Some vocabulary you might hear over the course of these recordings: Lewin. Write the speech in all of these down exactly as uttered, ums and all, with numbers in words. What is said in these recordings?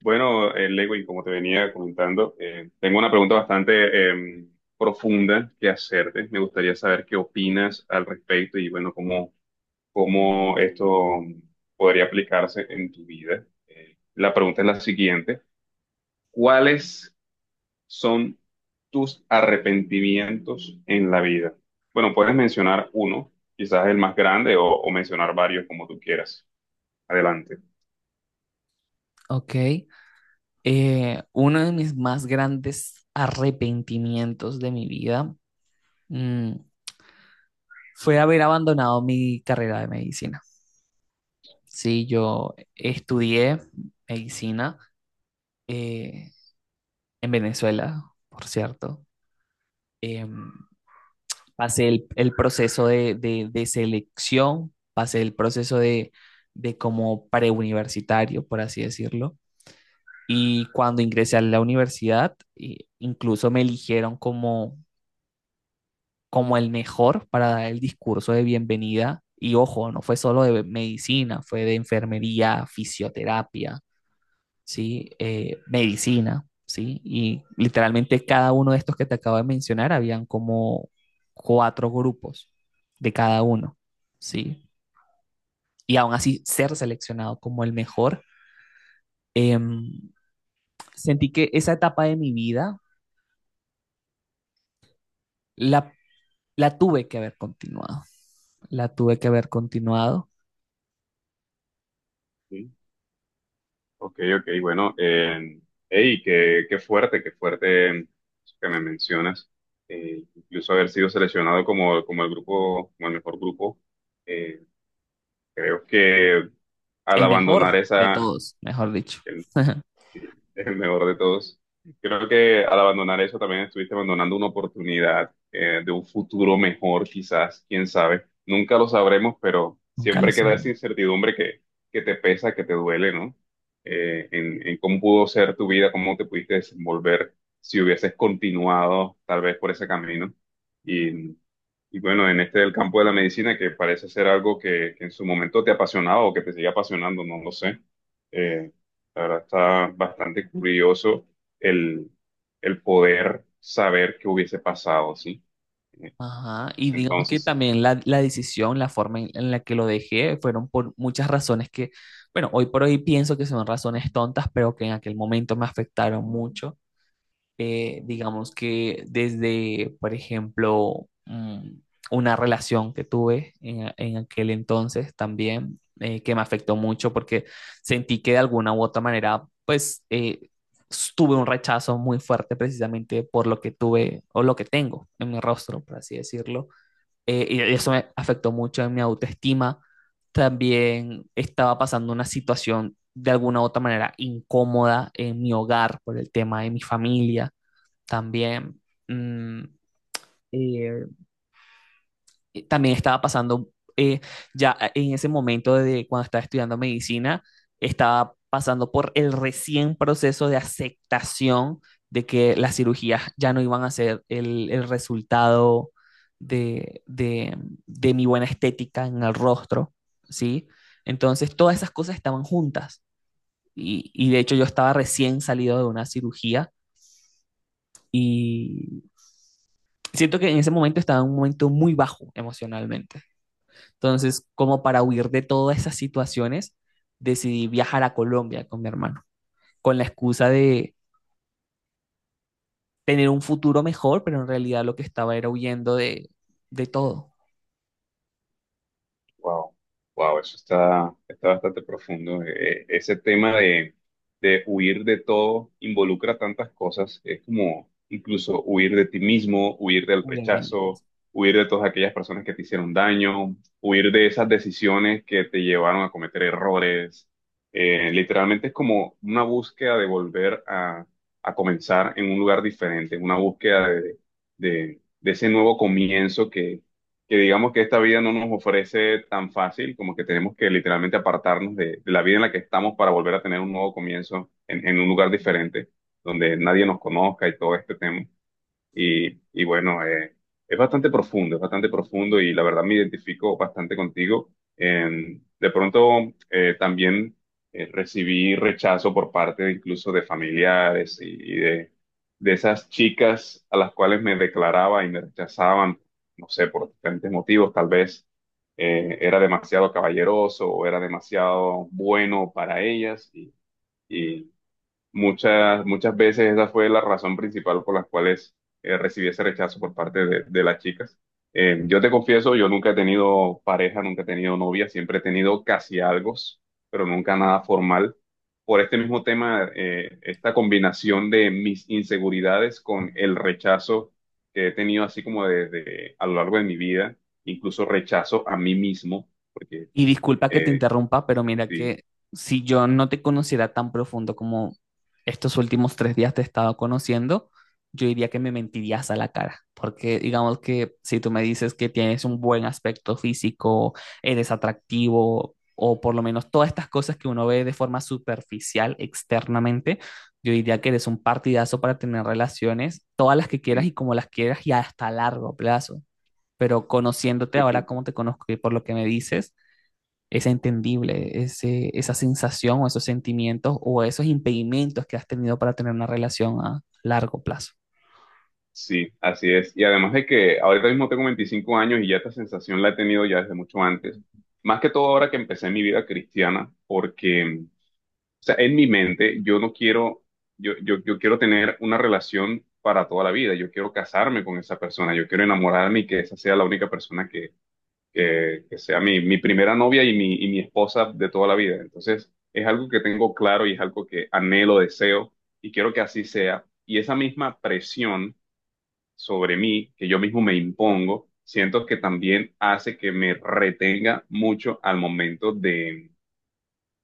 Bueno, eh, Lewin, como te venía comentando, eh, tengo una pregunta bastante eh, profunda que hacerte. Me gustaría saber qué opinas al respecto y, bueno, cómo, cómo esto podría aplicarse en tu vida. Eh, la pregunta es la siguiente. ¿Cuáles son tus arrepentimientos en la vida? Bueno, puedes mencionar uno, quizás el más grande, o, o mencionar varios como tú quieras. Adelante. Ok, eh, uno de mis más grandes arrepentimientos de mi vida mm, fue haber abandonado mi carrera de medicina. Sí, yo estudié medicina eh, en Venezuela, por cierto. Em, pasé el, el proceso de, de- de selección, pasé el proceso de, de como preuniversitario, por así decirlo. Y cuando ingresé a la universidad, eh, incluso me eligieron como como el mejor para dar el discurso de bienvenida. Y ojo, no fue solo de medicina, fue de enfermería, fisioterapia, ¿sí? ¿Eh, medicina, sí? Y literalmente cada uno de estos que te acabo de mencionar, habían como cuatro grupos de cada uno, ¿sí? Y aún así ser seleccionado como el mejor, eh, sentí que esa etapa de mi vida la, la tuve que haber continuado, la tuve que haber continuado. Ok, ok, bueno, eh, hey, qué, qué fuerte, qué fuerte eso que me mencionas. Eh, incluso haber sido seleccionado como, como el grupo, como el mejor grupo. Eh, creo que al El abandonar mejor de esa, todos, mejor dicho. sí, el mejor de todos. Creo que al abandonar eso también estuviste abandonando una oportunidad eh, de un futuro mejor, quizás, quién sabe. Nunca lo sabremos, pero Nunca lo siempre queda esa sabrán. incertidumbre que, que te pesa, que te duele, ¿no? Eh, en, en cómo pudo ser tu vida, cómo te pudiste desenvolver si hubieses continuado tal vez por ese camino. Y, y bueno, en este del campo de la medicina, que parece ser algo que, que en su momento te apasionaba o que te sigue apasionando, no lo sé. eh, la verdad está bastante curioso el, el poder saber qué hubiese pasado, ¿sí? En Ajá, y ese digamos que entonces, sí. también la, la decisión, la forma en, en la que lo dejé, fueron por muchas razones que, bueno, hoy por hoy pienso que son razones tontas, pero que en aquel momento me afectaron mucho. Eh, digamos que desde, por ejemplo, mm, una relación que tuve en, a- en aquel entonces también, eh, que me afectó mucho porque sentí que de alguna u otra manera, pues, eh, s- tuve un rechazo muy fuerte precisamente por lo que tuve o lo que tengo en mi rostro, por así decirlo. Eh, y eso me afectó mucho en mi autoestima. También estaba pasando una situación de alguna u otra manera incómoda en mi hogar por el tema de mi familia también. mm, eh, y también estaba pasando, eh, ya en ese momento de cuando estaba estudiando medicina, estaba pasando por el recién proceso de aceptación de que las cirugías ya no iban a ser el, el resultado de, de, de mi buena estética en el rostro, ¿sí? Entonces todas esas cosas estaban juntas y, y de hecho yo estaba recién salido de una cirugía y, siento que en ese momento estaba en un momento muy bajo emocionalmente. Entonces, como para huir de todas esas situaciones, decidí viajar a Colombia con mi hermano, con la excusa de tener un futuro mejor, pero en realidad lo que estaba era huyendo de, de todo. Wow, wow, eso está, está bastante profundo. Eh, ese tema de, de huir de todo involucra tantas cosas. Es como incluso huir de ti mismo, huir del Huyendo de mí rechazo, mismo. huir de todas aquellas personas que te hicieron daño, huir de esas decisiones que te llevaron a cometer errores. Eh, literalmente es como una búsqueda de volver a, a comenzar en un lugar diferente, una búsqueda de, de, de ese nuevo comienzo que digamos que esta vida no nos ofrece tan fácil, como que tenemos que literalmente apartarnos de, de la vida en la que estamos para volver a tener un nuevo comienzo en, en un lugar diferente, donde nadie nos conozca y todo este tema. Y, y bueno, eh, es bastante profundo, es bastante profundo y la verdad me identifico bastante contigo. En- de pronto eh, también eh, recibí rechazo por parte incluso de familiares y, y de, de esas chicas a las cuales me declaraba y me rechazaban, no sé, por diferentes motivos, tal vez eh, era demasiado caballeroso o era demasiado bueno para ellas y, Muchas, muchas veces esa fue la razón principal por las cuales eh, recibí ese rechazo por parte de, de las chicas. Eh, yo te confieso, yo nunca he tenido pareja, nunca he tenido novia, siempre he tenido casi algo, pero nunca nada formal. Por este mismo tema, eh, esta combinación de mis inseguridades con el rechazo que he tenido así como de, de- a lo largo de mi vida, incluso rechazo a mí mismo, porque Y disculpa que te eh, interrumpa, pero mira sí, que si yo no te conociera tan profundo como estos últimos tres días te he estado conociendo, yo diría que me mentirías a la cara, porque digamos que si tú me dices que tienes un buen aspecto físico, eres atractivo, o por lo menos todas estas cosas que uno ve de forma superficial externamente, yo diría que eres un partidazo para tener relaciones, todas las que quieras mm. y como las quieras y hasta a largo plazo. Pero conociéndote ahora como te conozco y por lo que me dices, es entendible ese, esa sensación o esos sentimientos o esos impedimentos que has tenido para tener una relación a largo plazo, Sí, así es. Y además de que ahorita mismo tengo veinticinco años y ya esta sensación la he tenido ya desde mucho antes. Más que todo ahora que empecé mi vida cristiana, porque, o sea, en mi mente yo no quiero, yo, yo, yo quiero tener una relación para toda la vida. Yo quiero casarme con esa persona. Yo quiero enamorarme y que esa sea la única persona que, que, que sea mi, mi primera novia y mi, y mi esposa de toda la vida. Entonces, es algo que tengo claro y es algo que anhelo, deseo y quiero que así sea. Y esa misma presión sobre mí, que yo mismo me impongo, siento que también hace que me retenga mucho al momento de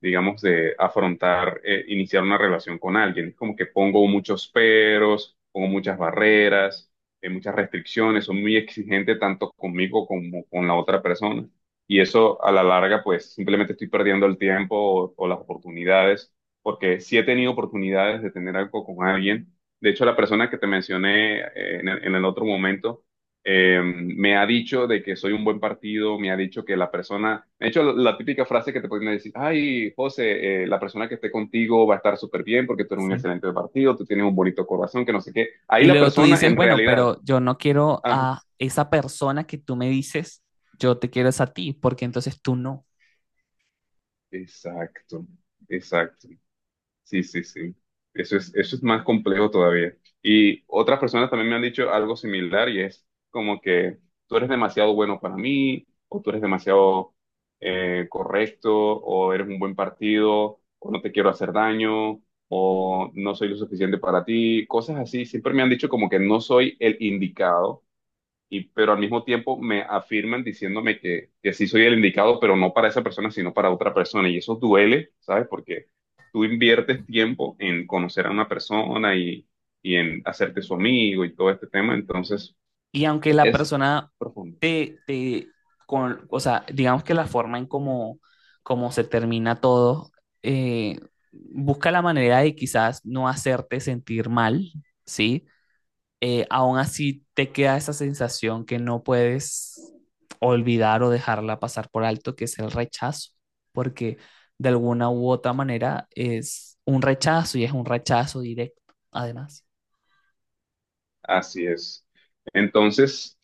digamos, de afrontar, eh, iniciar una relación con alguien. Es como que pongo muchos peros, pongo muchas barreras, eh, muchas restricciones, soy muy exigente tanto conmigo como con la otra persona. Y eso a la larga, pues simplemente estoy perdiendo el tiempo o, o las oportunidades, porque sí he tenido oportunidades de tener algo con alguien. De hecho, la persona que te mencioné eh, en el en el otro momento, eh, me ha dicho de que soy un buen partido, me ha dicho que la persona, de hecho la, la típica frase que te pueden decir, ay, José, eh, la persona que esté contigo va a estar súper bien porque tú eres un ¿sí? excelente partido, tú tienes un bonito corazón, que no sé qué. Ahí Y la luego tú persona dices, en bueno, realidad, pero yo no quiero ah, a esa persona que tú me dices, yo te quiero es a ti, porque entonces tú no. exacto, exacto. Sí, sí, sí. Eso es, eso es más complejo todavía. Y otras personas también me han dicho algo similar y es como que tú eres demasiado bueno para mí, o tú eres demasiado eh, correcto, o eres un buen partido, o no te quiero hacer daño, o no soy lo suficiente para ti, cosas así. Siempre me han dicho como que no soy el indicado y, pero al mismo tiempo me afirman diciéndome que, que sí soy el indicado, pero no para esa persona, sino para otra persona. Y eso duele, ¿sabes? Porque tú inviertes tiempo en conocer a una persona y, y en hacerte su amigo y todo este tema. Entonces, Y aunque la es persona profundo. te, te con, o sea, digamos que la forma en cómo, cómo se termina todo, eh, busca la manera de quizás no hacerte sentir mal, ¿sí? Eh, aún así te queda esa sensación que no puedes olvidar o dejarla pasar por alto, que es el rechazo, porque de alguna u otra manera es un rechazo y es un rechazo directo, además. Así es. Entonces,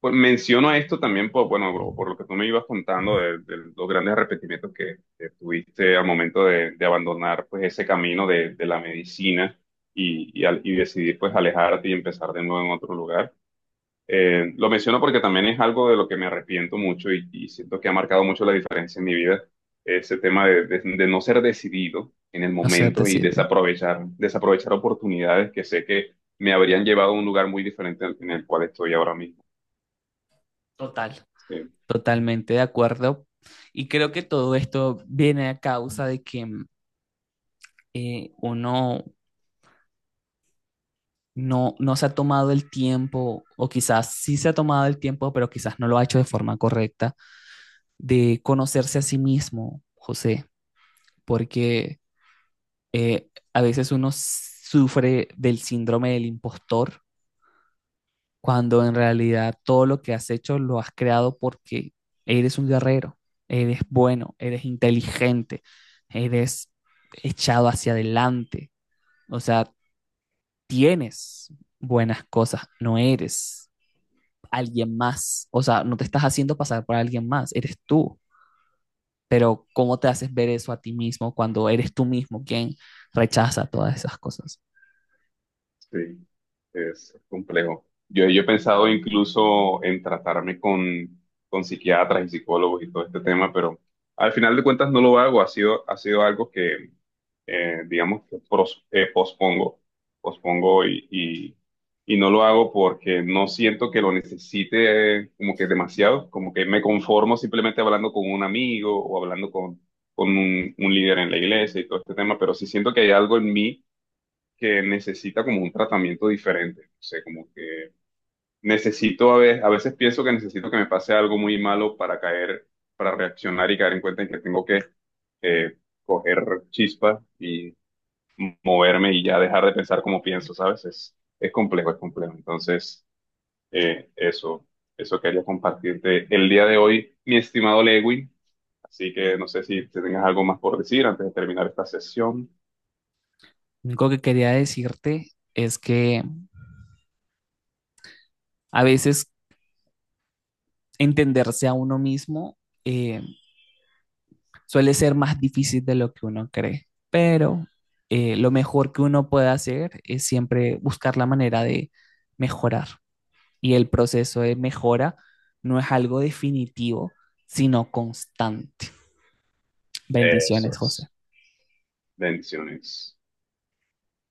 pues menciono esto también por, bueno, bro, por lo que tú me ibas contando de, de los grandes arrepentimientos que, que tuviste al momento de, de abandonar pues ese camino de, de la medicina y, y al- y decidir pues alejarte y empezar de nuevo en otro lugar. Eh, lo menciono porque también es algo de lo que me arrepiento mucho y, y siento que ha marcado mucho la diferencia en mi vida, ese tema de, de- de no ser decidido en el No sé, momento y decidio. desaprovechar, desaprovechar oportunidades que sé que me habrían llevado a un lugar muy diferente al- en el cual estoy ahora mismo. Total, Sí, totalmente de acuerdo. Y creo que todo esto viene a causa de que mm, eh, uno no, no se ha tomado el tiempo, o quizás sí se ha tomado el tiempo, pero quizás no lo ha hecho de forma correcta de conocerse a sí mismo, José, porque eh, a veces uno sufre del síndrome del impostor cuando en realidad todo lo que has hecho lo has creado porque eres un guerrero, eres bueno, eres inteligente, eres echado hacia adelante, o sea, tienes buenas cosas, no eres alguien más, o sea, no te estás haciendo pasar por alguien más, eres tú. Pero, ¿cómo te haces ver eso a ti mismo cuando eres tú mismo quien rechaza todas esas cosas? sí, es complejo. Yo, yo he pensado incluso en tratarme con, con psiquiatras y psicólogos y todo este tema, pero al final de cuentas no lo hago, ha sido, ha sido algo que eh, digamos que pros- eh, pospongo, pospongo y, y, y no lo hago porque no siento que lo necesite eh, como que demasiado, como que me conformo simplemente hablando con un amigo o hablando con, con un, un líder en la iglesia y todo este tema, pero sí siento que hay algo en mí que necesita como un tratamiento diferente, o sea, como que necesito a veces, a veces pienso que necesito que me pase algo muy malo para caer, para reaccionar y caer en cuenta en que tengo que... eh, coger chispa y moverme y ya dejar de pensar como pienso, ¿sabes? Es, es complejo, es complejo. Entonces, eh, eso, eso quería compartirte el día de hoy, mi estimado Lewin. Así que no sé si te tengas algo más por decir antes de terminar esta sesión. Lo único que quería decirte es que a veces entenderse a uno mismo eh, suele ser más difícil de lo que uno cree, pero eh, lo mejor que uno puede hacer es siempre buscar la manera de mejorar. Y el proceso de mejora no es algo definitivo, sino constante. Eso Bendiciones, José. es. Bendiciones.